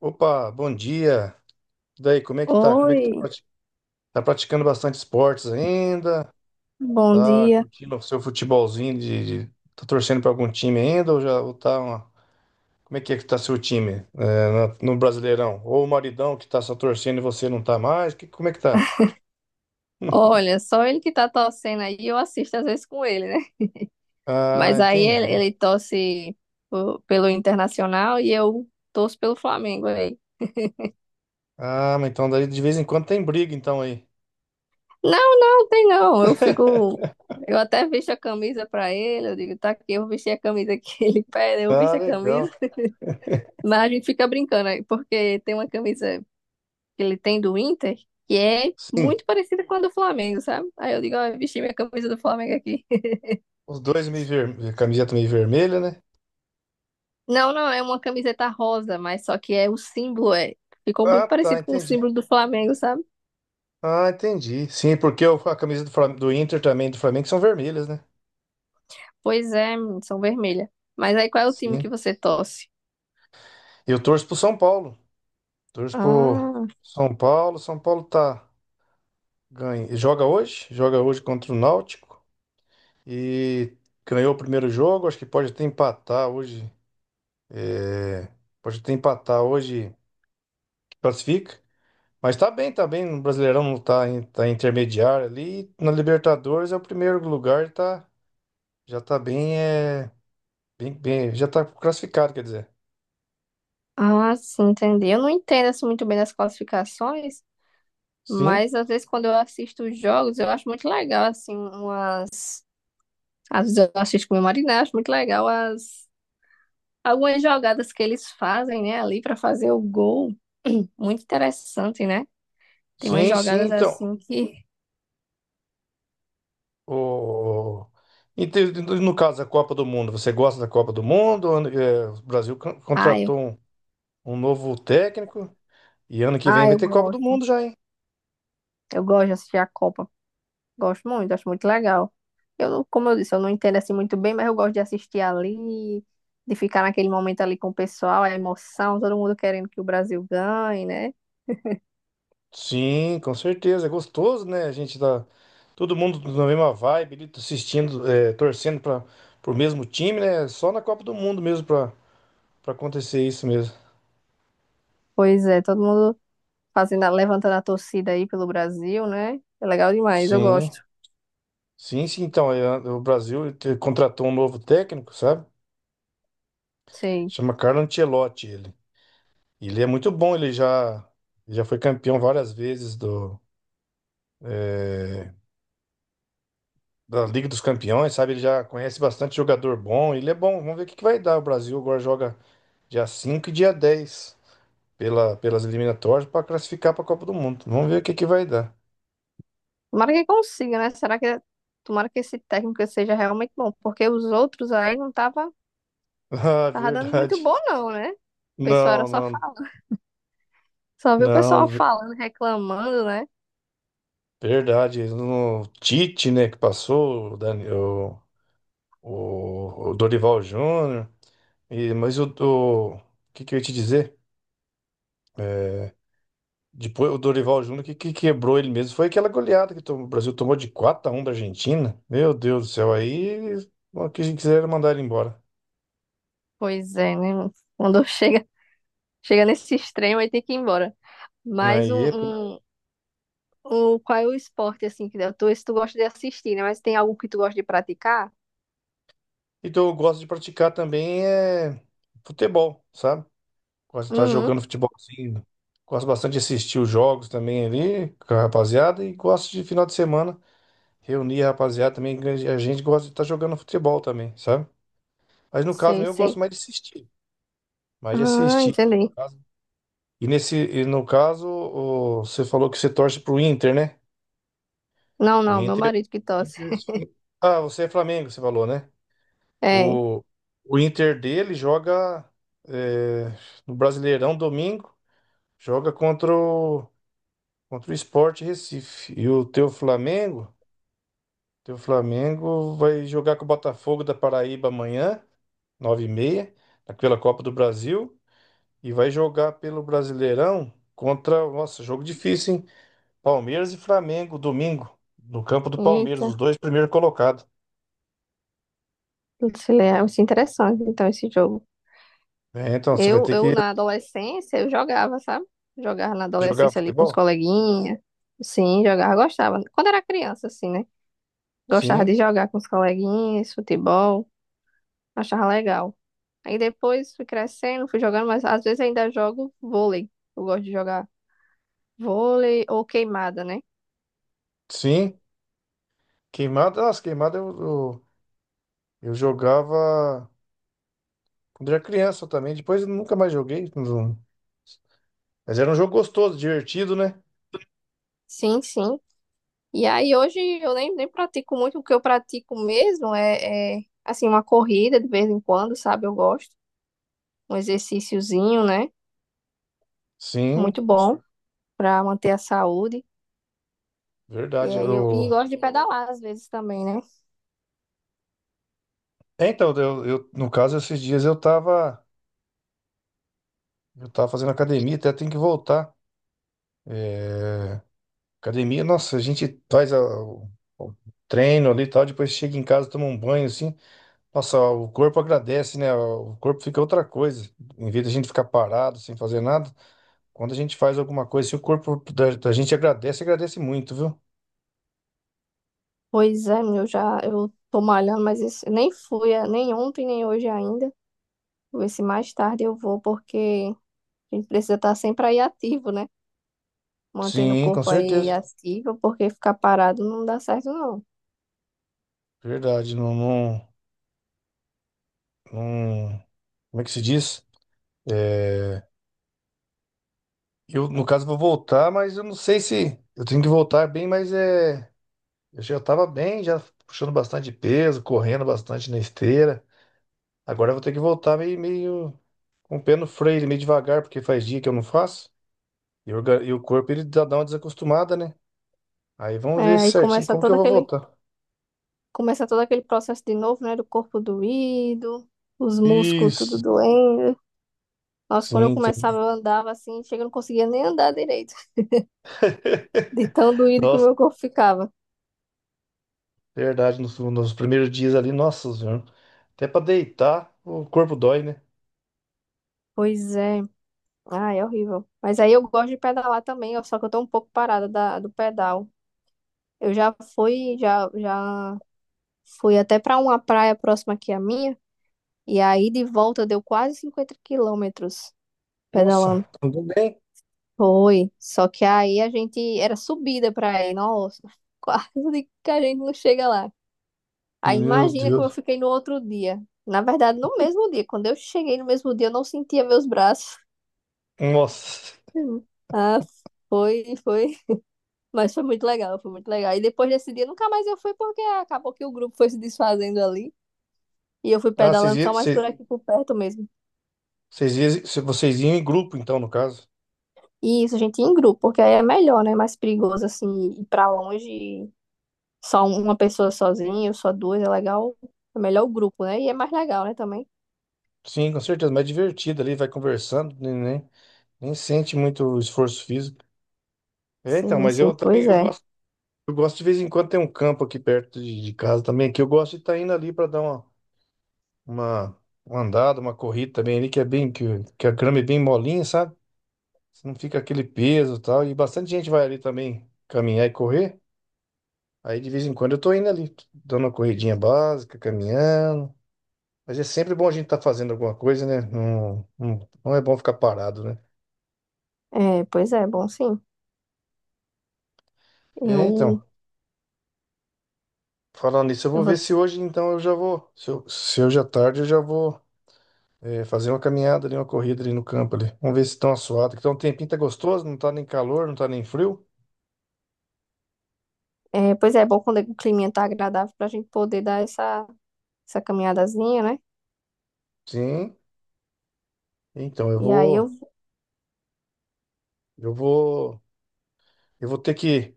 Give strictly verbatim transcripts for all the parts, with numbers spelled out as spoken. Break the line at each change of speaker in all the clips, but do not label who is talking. Opa, bom dia. E daí, como é que tá? Como é
Oi,
que tá? prati- Tá praticando bastante esportes ainda?
bom
Tá
dia.
curtindo o seu futebolzinho de, de- tá torcendo pra algum time ainda ou já ou tá uma- como é que é que tá seu time é, na- no Brasileirão? Ou o maridão que tá só torcendo e você não tá mais? Que- como é que tá?
Olha, só ele que tá torcendo aí, eu assisto às vezes com ele, né?
Ah,
Mas aí ele,
entendi.
ele torce po- pelo Internacional e eu torço pelo Flamengo aí.
Ah, mas então daí de vez em quando tem briga então aí.
Não, não, tem não. Eu fico. Eu até visto a camisa pra ele, eu digo, tá aqui, eu vesti a camisa que ele pede, eu
Ah,
visto a
legal.
camisa. Mas a gente fica brincando aí, porque tem uma camisa que ele tem do Inter que é
Sim,
muito parecida com a do Flamengo, sabe? Aí eu digo, ó, eu vesti minha camisa do Flamengo aqui.
os dois meio ver... camiseta meio vermelha, né?
Não, não, é uma camiseta rosa, mas só que é o símbolo, é. Ficou muito
Ah, tá,
parecido com o
entendi.
símbolo do Flamengo, sabe?
Ah, entendi. Sim, porque o- a camisa do, Flam- do Inter também do Flamengo são vermelhas, né?
Pois é, menino, são vermelha. Mas aí qual é o time que
Sim.
você torce?
Eu torço pro São Paulo. Torço pro
Ah,
São Paulo. São Paulo tá ganha. Joga hoje, joga hoje contra o Náutico e ganhou o primeiro jogo. Acho que pode até empatar hoje. Pode até empatar hoje, classifica. Mas tá bem, tá bem. No Brasileirão não tá, em- tá em intermediário ali. Na Libertadores é o primeiro lugar, tá, já tá bem, é, bem, bem, já tá classificado, quer dizer.
ah, sim, entendi. Eu não entendo assim, muito bem das classificações,
Sim.
mas às vezes quando eu assisto os jogos, eu acho muito legal, assim, uma... às vezes eu assisto com o meu marido, né? Acho muito legal as... algumas jogadas que eles fazem, né, ali pra fazer o gol. Muito interessante, né? Tem umas
Sim, sim,
jogadas
então.
assim que.
O... Então, no caso da Copa do Mundo, você gosta da Copa do Mundo? Ano- é, o Brasil con-
Ah, eu,
contratou um, um novo técnico e ano que vem
ah,
vai
eu
ter Copa do
gosto.
Mundo já, hein?
Eu gosto de assistir a Copa, gosto muito, acho muito legal. Eu não, como eu disse, eu não entendo assim muito bem, mas eu gosto de assistir ali, de ficar naquele momento ali com o pessoal, a emoção, todo mundo querendo que o Brasil ganhe, né?
Sim, com certeza. É gostoso, né? A gente tá todo mundo na mesma vibe, ali, assistindo, é, torcendo para pro mesmo time, né? Só na Copa do Mundo mesmo para para acontecer isso mesmo.
Pois é, todo mundo fazendo, a- levantando a torcida aí pelo Brasil, né? É legal demais, eu
Sim,
gosto.
sim, sim. Então, é, o Brasil te- contratou um novo técnico, sabe?
Sim.
Chama Carlo Ancelotti. ele. Ele é muito bom, ele já, já foi campeão várias vezes do, da Liga dos Campeões, sabe? Ele já conhece bastante jogador bom, ele é bom. Vamos ver o que que vai dar. O Brasil agora joga dia cinco e dia dez pela, pelas eliminatórias para classificar para a Copa do Mundo. Vamos ver o que que vai dar.
Tomara que consiga, né? Será que tomara que esse técnico seja realmente bom, porque os outros aí não tava,
Ah,
tava dando muito
verdade.
bom não, né? O pessoal era
Não,
só
não,
falando, só viu o pessoal
não, ver-
falando, reclamando, né?
verdade. No Tite, né, que passou, o, Dani- o, o- o Dorival Júnior. E, mas o, o o que que eu ia te dizer? É, depois o Dorival Júnior, que, que quebrou ele mesmo, foi aquela goleada que tomou- o Brasil tomou de quatro a um da Argentina. Meu Deus do céu, aí o que a gente quiser era mandar ele embora.
Pois é, né? Quando chega, chega nesse extremo, aí tem que ir embora. Mas um,
Aí, é
um, um- Qual é o esporte, assim, que tu, esse tu gosta de assistir, né? Mas tem algo que tu gosta de praticar?
então eu gosto de praticar também é, futebol, sabe? Gosto de estar
Uhum,
jogando futebolzinho. Gosto bastante de assistir os jogos também ali com a rapaziada e gosto de final de semana reunir a rapaziada também. Que A gente gosta de estar jogando futebol também, sabe? Mas no caso
sei,
meu, eu gosto
sei.
mais de assistir. Mais de
Ah,
assistir.
entendi.
E nesse, e no caso, o- você falou que você torce pro Inter, né?
Não,
O
não, meu
Inter,
marido que tosse.
Inter- Ah, você é Flamengo, você falou, né?
É.
O, o Inter dele joga é, no Brasileirão domingo, joga contra o, contra o Sport Recife. E o teu Flamengo, teu Flamengo vai jogar com o Botafogo da Paraíba amanhã, nove e meia pela Copa do Brasil, e vai jogar pelo Brasileirão contra, nossa, jogo difícil, hein? Palmeiras e Flamengo, domingo, no campo do Palmeiras, os
Eita,
dois primeiros colocados.
isso é isso é interessante, então, esse jogo.
É, então você vai
Eu,
ter
eu,
que
na adolescência, eu jogava, sabe? Jogava na
jogar
adolescência ali com os
futebol?
coleguinhas. Sim, jogava, gostava. Quando era criança, assim, né? Gostava de
Sim,
jogar com os coleguinhas, futebol. Achava legal. Aí depois fui crescendo, fui jogando, mas às vezes ainda jogo vôlei. Eu gosto de jogar vôlei ou queimada, né?
sim. Queimada, nossa, queimada eu, eu, eu jogava quando era criança também, depois eu nunca mais joguei. não- Mas era um jogo gostoso, divertido, né?
Sim, sim. E aí hoje eu nem, nem pratico muito, o que eu pratico mesmo é, é, assim, uma corrida de vez em quando, sabe? Eu gosto. Um exercíciozinho, né? Muito
Sim,
bom para manter a saúde. E
verdade.
aí eu
Eu...
e gosto de pedalar às vezes também, né?
É, então, eu, eu- no caso, esses dias eu tava, eu tava fazendo academia, até tenho que voltar. É, academia, nossa, a gente faz a- o, o treino ali e tal, depois chega em casa, toma um banho assim. Nossa, o corpo agradece, né? O corpo fica outra coisa. Em vez da gente ficar parado sem fazer nada, quando a gente faz alguma coisa, assim, o corpo da, da gente agradece, agradece muito, viu?
Pois é, meu já eu tô malhando, mas esse- nem fui, eh, nem ontem, nem hoje ainda. Vou ver se mais tarde eu vou, porque. A gente precisa estar sempre aí ativo, né? Mantendo o
Sim, com
corpo aí. Sim,
certeza.
ativo, porque ficar parado não dá certo, não.
Verdade, não, não, não- como é que se diz? É, eu, no caso, vou voltar, mas eu não sei se eu tenho que voltar bem, mas é, eu já tava bem, já puxando bastante peso, correndo bastante na esteira. Agora eu vou ter que voltar meio, meio com o pé no freio, meio devagar, porque faz dia que eu não faço. E, o orga- e o corpo ele dá dá uma desacostumada, né? Aí vamos
É,
ver
aí
certinho
começa
como que
todo
eu vou
aquele,
voltar.
começa todo aquele processo de novo, né? Do corpo doído, os músculos tudo
Isso.
doendo. Nossa, quando eu
Sim, tem.
começava, eu andava assim, chega, eu não conseguia nem andar direito, de tão doído que o
Nossa,
meu corpo ficava.
verdade, nos, nos primeiros dias ali, nossa senhora. Até pra deitar, o corpo dói, né?
Pois é, ah, é horrível. Mas aí eu gosto de pedalar também, ó, só que eu tô um pouco parada da, do pedal. Eu já fui, já, já fui até pra uma praia próxima aqui à minha. E aí de volta deu quase cinquenta quilômetros pedalando.
Nossa, tudo bem?
Foi. Só que aí a gente era subida pra ir. Nossa, quase que a gente não chega lá. Aí
Meu
imagina como eu
Deus.
fiquei no outro dia. Na verdade, no mesmo dia. Quando eu cheguei no mesmo dia, eu não sentia meus braços.
Nossa.
Ah, foi, foi. Mas foi muito legal, foi muito legal. E depois desse dia, nunca mais eu fui porque acabou que o grupo foi se desfazendo ali. E eu fui
Ah, vocês
pedalando
iam,
só mais
vocês,
por aqui por perto mesmo.
vocês iam vocês iam em grupo, então, no caso.
E isso, gente, em grupo, porque aí é melhor, né? É mais perigoso, assim, ir pra longe, só um, uma pessoa sozinha, ou só duas, é legal. É melhor o grupo, né? E é mais legal, né, também.
Sim, com certeza, mais divertido ali, vai conversando, né? né? Nem sente muito esforço físico. É, então,
Sim,
mas
sim,
eu também
pois
eu
é.
gosto, eu gosto de vez em quando tem um campo aqui perto de, de casa também, que eu gosto de estar indo ali para dar uma, uma, uma andada, uma corrida também ali, que é bem, que, o- que a grama é bem molinha, sabe? Você não fica aquele peso e tal. E bastante gente vai ali também caminhar e correr. Aí de vez em quando eu tô indo ali, dando uma corridinha básica, caminhando. Mas é sempre bom a gente estar fazendo alguma coisa, né? Não, não, não é bom ficar parado, né?
É, pois é, bom, sim.
É,
Eu,
então. Falando nisso, eu
eu
vou ver
vou...
se hoje, então, eu já vou. Se, eu, se hoje à tarde, eu já vou eh, fazer uma caminhada ali, uma corrida ali no campo ali. Vamos ver se estão assuados. Então, um tempinho tá gostoso, não tá nem calor, não tá nem frio.
É, pois é, é bom quando o clima tá agradável pra gente poder dar essa, essa caminhadazinha, né?
Sim. Então, eu
E aí eu...
vou, eu vou, eu vou ter que,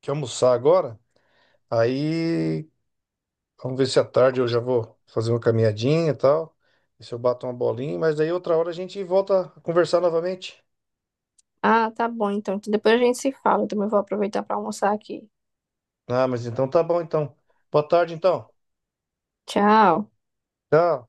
que almoçar agora. Aí, vamos ver se à tarde eu já vou fazer uma caminhadinha e tal. Ver se eu bato uma bolinha, mas daí outra hora a gente volta a conversar novamente.
Ah, tá bom, então. Então depois a gente se fala. Eu também vou aproveitar pra almoçar aqui.
Ah, mas então tá bom, então. Boa tarde, então.
Tchau.
Tchau.